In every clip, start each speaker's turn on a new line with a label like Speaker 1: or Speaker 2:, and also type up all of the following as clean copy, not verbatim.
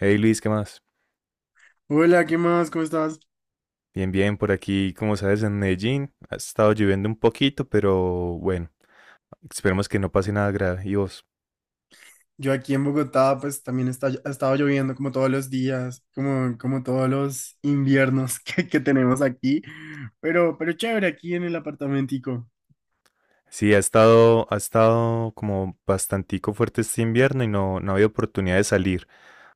Speaker 1: Hey Luis, ¿qué más?
Speaker 2: Hola, ¿qué más? ¿Cómo estás?
Speaker 1: Bien, bien, por aquí, como sabes, en Medellín ha estado lloviendo un poquito, pero bueno, esperemos que no pase nada grave. ¿Y vos?
Speaker 2: Yo aquí en Bogotá, pues también está, ha estado lloviendo como todos los días, como todos los inviernos que tenemos aquí, pero chévere, aquí en el apartamentico.
Speaker 1: Sí, ha estado como bastantico fuerte este invierno y no, no había oportunidad de salir.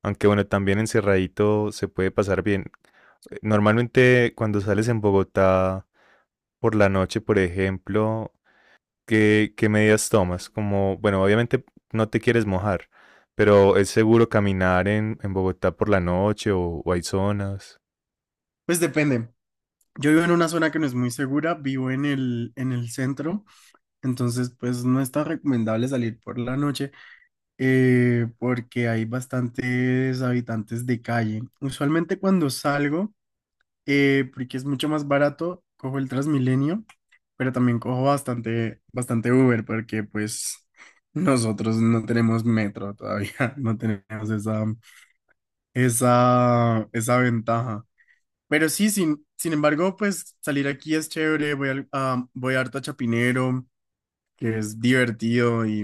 Speaker 1: Aunque bueno, también encerradito se puede pasar bien. Normalmente cuando sales en Bogotá por la noche, por ejemplo, ¿qué medidas tomas? Como, bueno, obviamente no te quieres mojar, pero ¿es seguro caminar en Bogotá por la noche o hay zonas?
Speaker 2: Pues depende. Yo vivo en una zona que no es muy segura, vivo en el centro, entonces pues no es tan recomendable salir por la noche porque hay bastantes habitantes de calle. Usualmente cuando salgo... porque es mucho más barato, cojo el Transmilenio, pero también cojo bastante Uber, porque pues nosotros no tenemos metro todavía, no tenemos esa ventaja. Pero sí, sin embargo, pues salir aquí es chévere, voy harto a Chapinero, que es divertido y,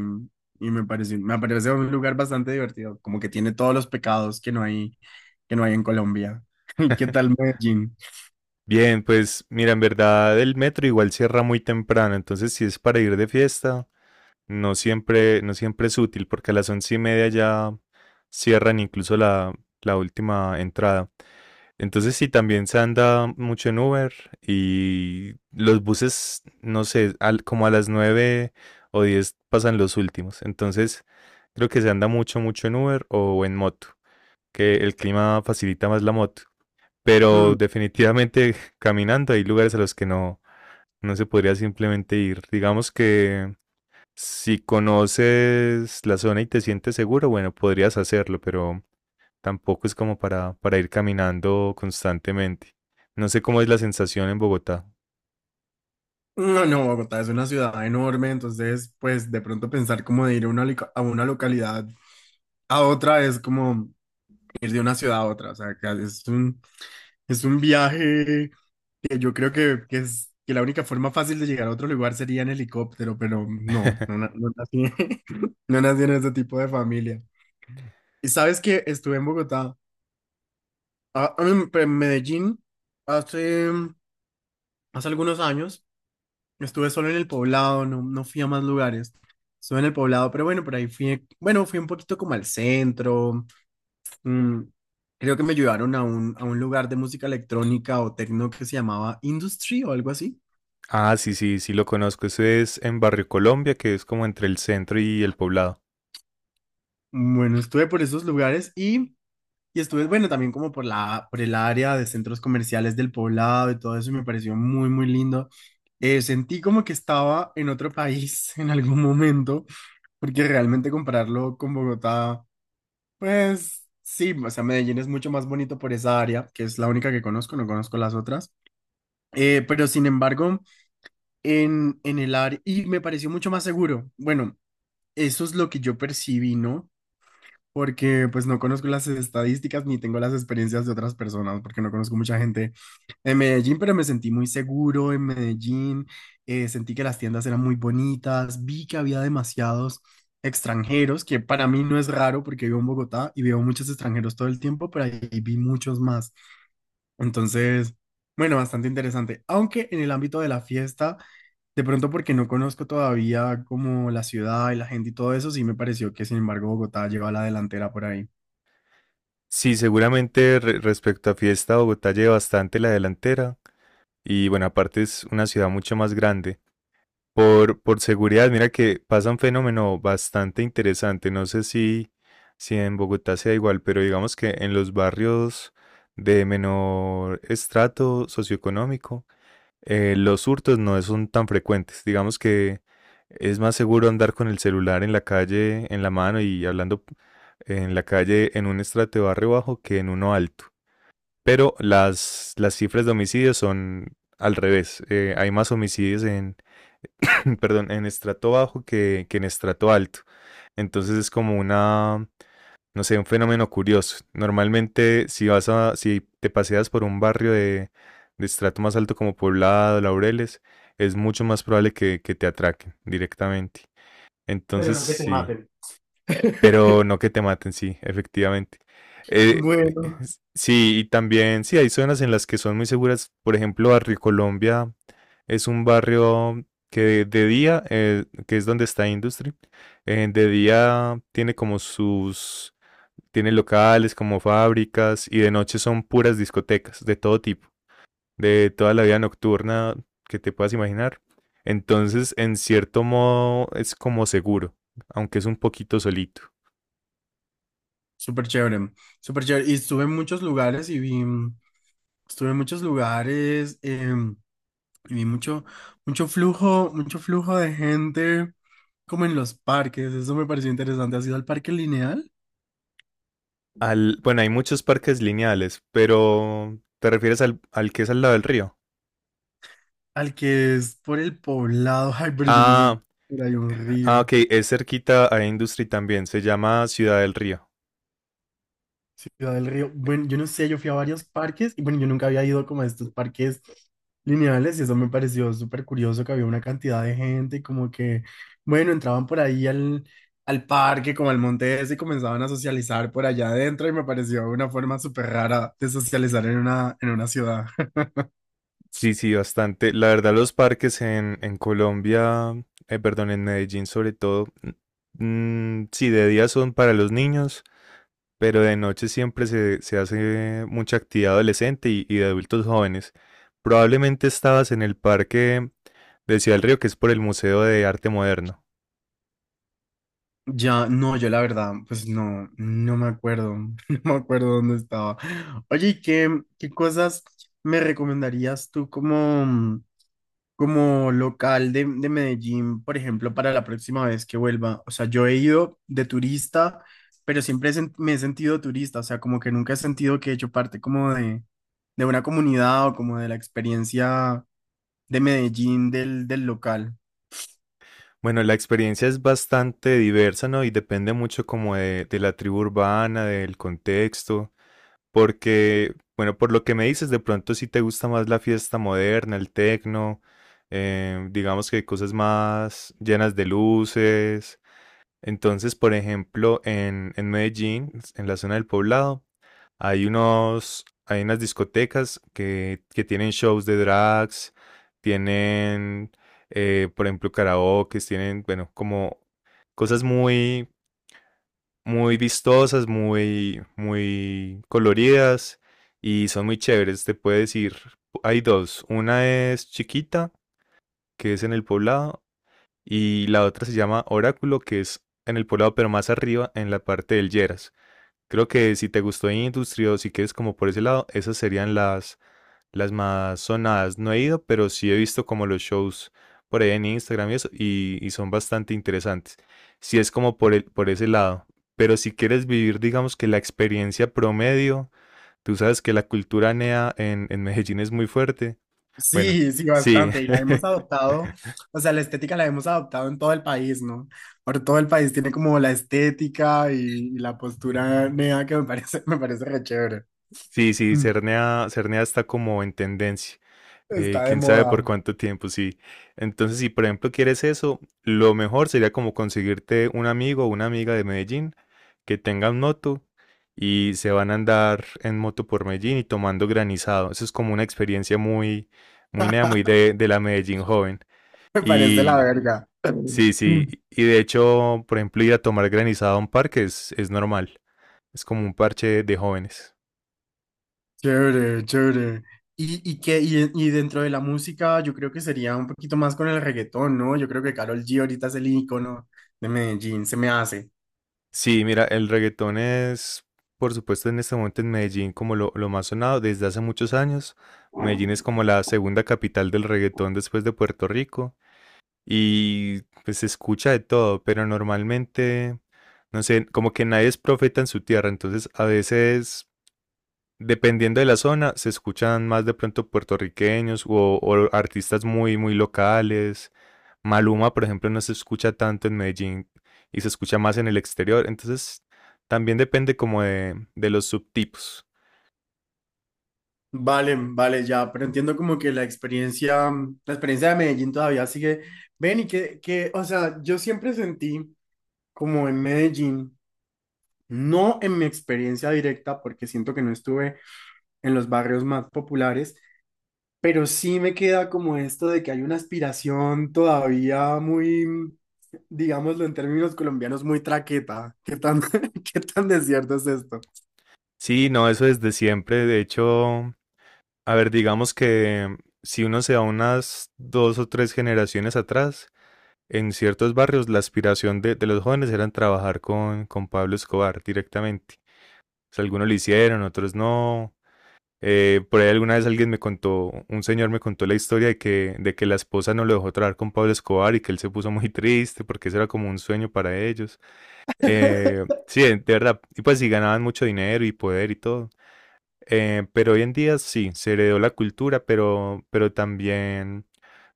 Speaker 2: me parece un lugar bastante divertido, como que tiene todos los pecados que no hay en Colombia. ¿Qué tal Medellín?
Speaker 1: Bien, pues mira, en verdad el metro igual cierra muy temprano, entonces si es para ir de fiesta, no siempre, no siempre es útil porque a las once y media ya cierran incluso la, la última entrada. Entonces sí, también se anda mucho en Uber y los buses, no sé, como a las 9 o 10 pasan los últimos. Entonces creo que se anda mucho, mucho en Uber o en moto, que el clima facilita más la moto.
Speaker 2: Hmm.
Speaker 1: Pero definitivamente caminando hay lugares a los que no, no se podría simplemente ir. Digamos que si conoces la zona y te sientes seguro, bueno, podrías hacerlo, pero tampoco es como para ir caminando constantemente. No sé cómo es la sensación en Bogotá.
Speaker 2: No, no, Bogotá es una ciudad enorme, entonces pues de pronto pensar como de ir a una, a una localidad a otra es como ir de una ciudad a otra, o sea, es un viaje que yo creo que es que la única forma fácil de llegar a otro lugar sería en helicóptero, pero no, no, no nací, no nací en ese tipo de familia. Y sabes que estuve en Bogotá, ah, en Medellín hace, hace algunos años. Estuve solo en el poblado, no, no fui a más lugares. Estuve en el poblado, pero bueno, por ahí fui, bueno, fui un poquito como al centro. mm, Creo que me llevaron a un lugar de música electrónica o techno que se llamaba Industry o algo así.
Speaker 1: Ah, sí, sí, sí lo conozco. Eso es en Barrio Colombia, que es como entre el centro y el poblado.
Speaker 2: Bueno, estuve por esos lugares y estuve, bueno, también como por la, por el área de centros comerciales del poblado y todo eso, y me pareció muy, muy lindo. Sentí como que estaba en otro país en algún momento, porque realmente compararlo con Bogotá. Pues sí, o sea, Medellín es mucho más bonito por esa área, que es la única que conozco, no conozco las otras. Pero sin embargo, en el área, y me pareció mucho más seguro. Bueno, eso es lo que yo percibí, ¿no? Porque pues no conozco las estadísticas ni tengo las experiencias de otras personas, porque no conozco mucha gente en Medellín, pero me sentí muy seguro en Medellín, sentí que las tiendas eran muy bonitas, vi que había demasiados extranjeros, que para mí no es raro porque vivo en Bogotá y veo muchos extranjeros todo el tiempo, pero ahí vi muchos más. Entonces, bueno, bastante interesante, aunque en el ámbito de la fiesta... De pronto porque no conozco todavía como la ciudad y la gente y todo eso, sí me pareció que sin embargo Bogotá lleva a la delantera por ahí.
Speaker 1: Sí, seguramente respecto a fiesta, Bogotá lleva bastante la delantera. Y bueno, aparte es una ciudad mucho más grande. Por seguridad, mira que pasa un fenómeno bastante interesante. No sé si, si en Bogotá sea igual, pero digamos que en los barrios de menor estrato socioeconómico, los hurtos no son tan frecuentes. Digamos que es más seguro andar con el celular en la calle, en la mano y hablando en la calle en un estrato de barrio bajo que en uno alto. Pero las cifras de homicidios son al revés. Hay más homicidios en perdón, en estrato bajo que en estrato alto. Entonces es como una, no sé, un fenómeno curioso. Normalmente si vas a, si te paseas por un barrio de estrato más alto como Poblado, Laureles, es mucho más probable que te atraquen directamente.
Speaker 2: Pero
Speaker 1: Entonces
Speaker 2: no que te
Speaker 1: sí,
Speaker 2: maten.
Speaker 1: pero no que te maten, sí, efectivamente. Eh,
Speaker 2: Bueno.
Speaker 1: sí, y también, sí, hay zonas en las que son muy seguras. Por ejemplo, Barrio Colombia es un barrio que de día, que es donde está Industry, de día tiene como sus, tiene locales como fábricas y de noche son puras discotecas de todo tipo, de toda la vida nocturna que te puedas imaginar. Entonces, en cierto modo, es como seguro, aunque es un poquito solito.
Speaker 2: Súper chévere, súper chévere. Y estuve en muchos lugares y vi, estuve en muchos lugares y vi mucho, mucho flujo de gente como en los parques. Eso me pareció interesante. ¿Has ido al parque lineal?
Speaker 1: Al, bueno, hay muchos parques lineales, pero ¿te refieres al, al que es al lado del río?
Speaker 2: Al que es por el poblado. Ay, pero yo no sé si
Speaker 1: Ah,
Speaker 2: era ahí un
Speaker 1: ah,
Speaker 2: río.
Speaker 1: ok, es cerquita a Industry también, se llama Ciudad del Río.
Speaker 2: Ciudad del Río. Bueno, yo no sé, yo fui a varios parques y bueno, yo nunca había ido como a estos parques lineales y eso me pareció súper curioso que había una cantidad de gente y como que, bueno, entraban por ahí al parque, como al monte ese y comenzaban a socializar por allá adentro y me pareció una forma súper rara de socializar en una ciudad.
Speaker 1: Sí, sí, bastante. La verdad, los parques en Colombia, perdón, en Medellín sobre todo, mm, sí, de día son para los niños, pero de noche siempre se, se hace mucha actividad adolescente y de adultos jóvenes. Probablemente estabas en el parque de Ciudad del Río, que es por el Museo de Arte Moderno.
Speaker 2: Ya, no, yo la verdad, pues no, no me acuerdo, no me acuerdo dónde estaba. Oye, ¿y ¿qué, qué cosas me recomendarías tú como, como local de Medellín, por ejemplo, para la próxima vez que vuelva? O sea, yo he ido de turista, pero siempre me he sentido turista, o sea, como que nunca he sentido que he hecho parte como de una comunidad o como de la experiencia de Medellín del, del local.
Speaker 1: Bueno, la experiencia es bastante diversa, ¿no? Y depende mucho como de la tribu urbana, del contexto, porque, bueno, por lo que me dices, de pronto sí te gusta más la fiesta moderna, el tecno, digamos que cosas más llenas de luces. Entonces, por ejemplo, en Medellín, en la zona del Poblado, hay unos, hay unas discotecas que tienen shows de drags, tienen, por ejemplo, karaoke, tienen, bueno, como cosas muy, muy vistosas, muy, muy coloridas y son muy chéveres. Te puedes ir. Hay dos. Una es Chiquita, que es en el poblado, y la otra se llama Oráculo, que es en el poblado, pero más arriba, en la parte del Lleras. Creo que si te gustó Industry o si quieres como por ese lado, esas serían las más sonadas. No he ido, pero sí he visto como los shows por ahí en Instagram y eso, y son bastante interesantes. Si es como por el, por ese lado. Pero si quieres vivir, digamos que la experiencia promedio, tú sabes que la cultura NEA en Medellín es muy fuerte. Bueno,
Speaker 2: Sí, sí,
Speaker 1: sí,
Speaker 2: bastante. Y la hemos adoptado, o sea, la estética la hemos adoptado en todo el país, ¿no? Por todo el país tiene como la estética y la postura nea que me parece, me parece re chévere.
Speaker 1: sí, sí,
Speaker 2: Mm,
Speaker 1: Cernea, Cernea está como en tendencia.
Speaker 2: Está de
Speaker 1: Quién sabe por
Speaker 2: moda.
Speaker 1: cuánto tiempo, sí. Entonces, si por ejemplo quieres eso, lo mejor sería como conseguirte un amigo o una amiga de Medellín que tengan moto y se van a andar en moto por Medellín y tomando granizado. Eso es como una experiencia muy, muy nea, muy de la Medellín joven.
Speaker 2: Me parece la
Speaker 1: Y
Speaker 2: verga.
Speaker 1: sí,
Speaker 2: Mm,
Speaker 1: sí. Y de hecho, por ejemplo, ir a tomar granizado a un parque es normal. Es como un parche de jóvenes.
Speaker 2: Chévere, chévere. Y que, y dentro de la música, yo creo que sería un poquito más con el reggaetón, ¿no? Yo creo que Karol G ahorita es el ícono de Medellín, se me hace.
Speaker 1: Sí, mira, el reggaetón es, por supuesto, en este momento en Medellín como lo más sonado desde hace muchos años. Medellín es como la segunda capital del reggaetón después de Puerto Rico y pues se escucha de todo, pero normalmente, no sé, como que nadie es profeta en su tierra, entonces a veces dependiendo de la zona, se escuchan más de pronto puertorriqueños o artistas muy, muy locales. Maluma, por ejemplo, no se escucha tanto en Medellín y se escucha más en el exterior. Entonces, también depende como de los subtipos.
Speaker 2: Vale, vale, ya, pero entiendo como que la experiencia, la experiencia de Medellín todavía sigue. Ven y que, o sea, yo siempre sentí como en Medellín, no en mi experiencia directa, porque siento que no estuve en los barrios más populares, pero sí me queda como esto de que hay una aspiración todavía muy, digámoslo en términos colombianos, muy traqueta. ¿Qué tan, qué tan desierto es esto?
Speaker 1: Sí, no, eso desde siempre. De hecho, a ver, digamos que si uno se va unas dos o tres generaciones atrás, en ciertos barrios la aspiración de los jóvenes era trabajar con Pablo Escobar directamente. O sea, algunos lo hicieron, otros no. Por ahí alguna vez alguien me contó, un señor me contó la historia de que la esposa no lo dejó trabajar con Pablo Escobar y que él se puso muy triste porque eso era como un sueño para ellos. Sí, de verdad, y pues sí ganaban mucho dinero y poder y todo. Pero hoy en día sí, se heredó la cultura, pero también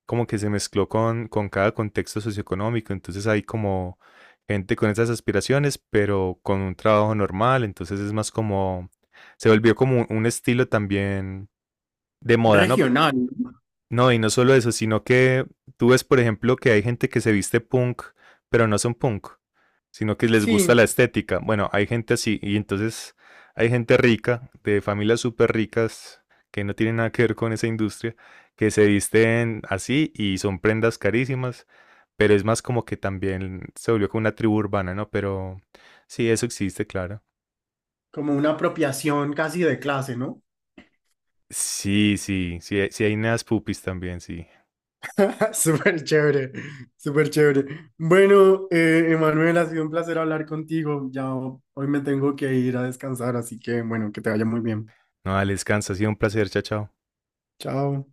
Speaker 1: como que se mezcló con cada contexto socioeconómico. Entonces hay como gente con esas aspiraciones, pero con un trabajo normal. Entonces es más como, se volvió como un estilo también de moda, ¿no?
Speaker 2: Regional. ¿No?
Speaker 1: No, y no solo eso, sino que tú ves, por ejemplo, que hay gente que se viste punk, pero no son punk, sino que les gusta
Speaker 2: Sí,
Speaker 1: la estética. Bueno, hay gente así, y entonces hay gente rica, de familias súper ricas, que no tienen nada que ver con esa industria, que se visten así y son prendas carísimas, pero es más como que también se volvió como una tribu urbana, ¿no? Pero sí, eso existe, claro.
Speaker 2: como una apropiación casi de clase, ¿no?
Speaker 1: Sí, sí, sí, sí hay neas pupis también, sí.
Speaker 2: Súper chévere, súper chévere. Bueno, Emanuel, ha sido un placer hablar contigo. Ya hoy me tengo que ir a descansar, así que bueno, que te vaya muy bien.
Speaker 1: No, dale, descansa, ha sido un placer, chao, chao.
Speaker 2: Chao.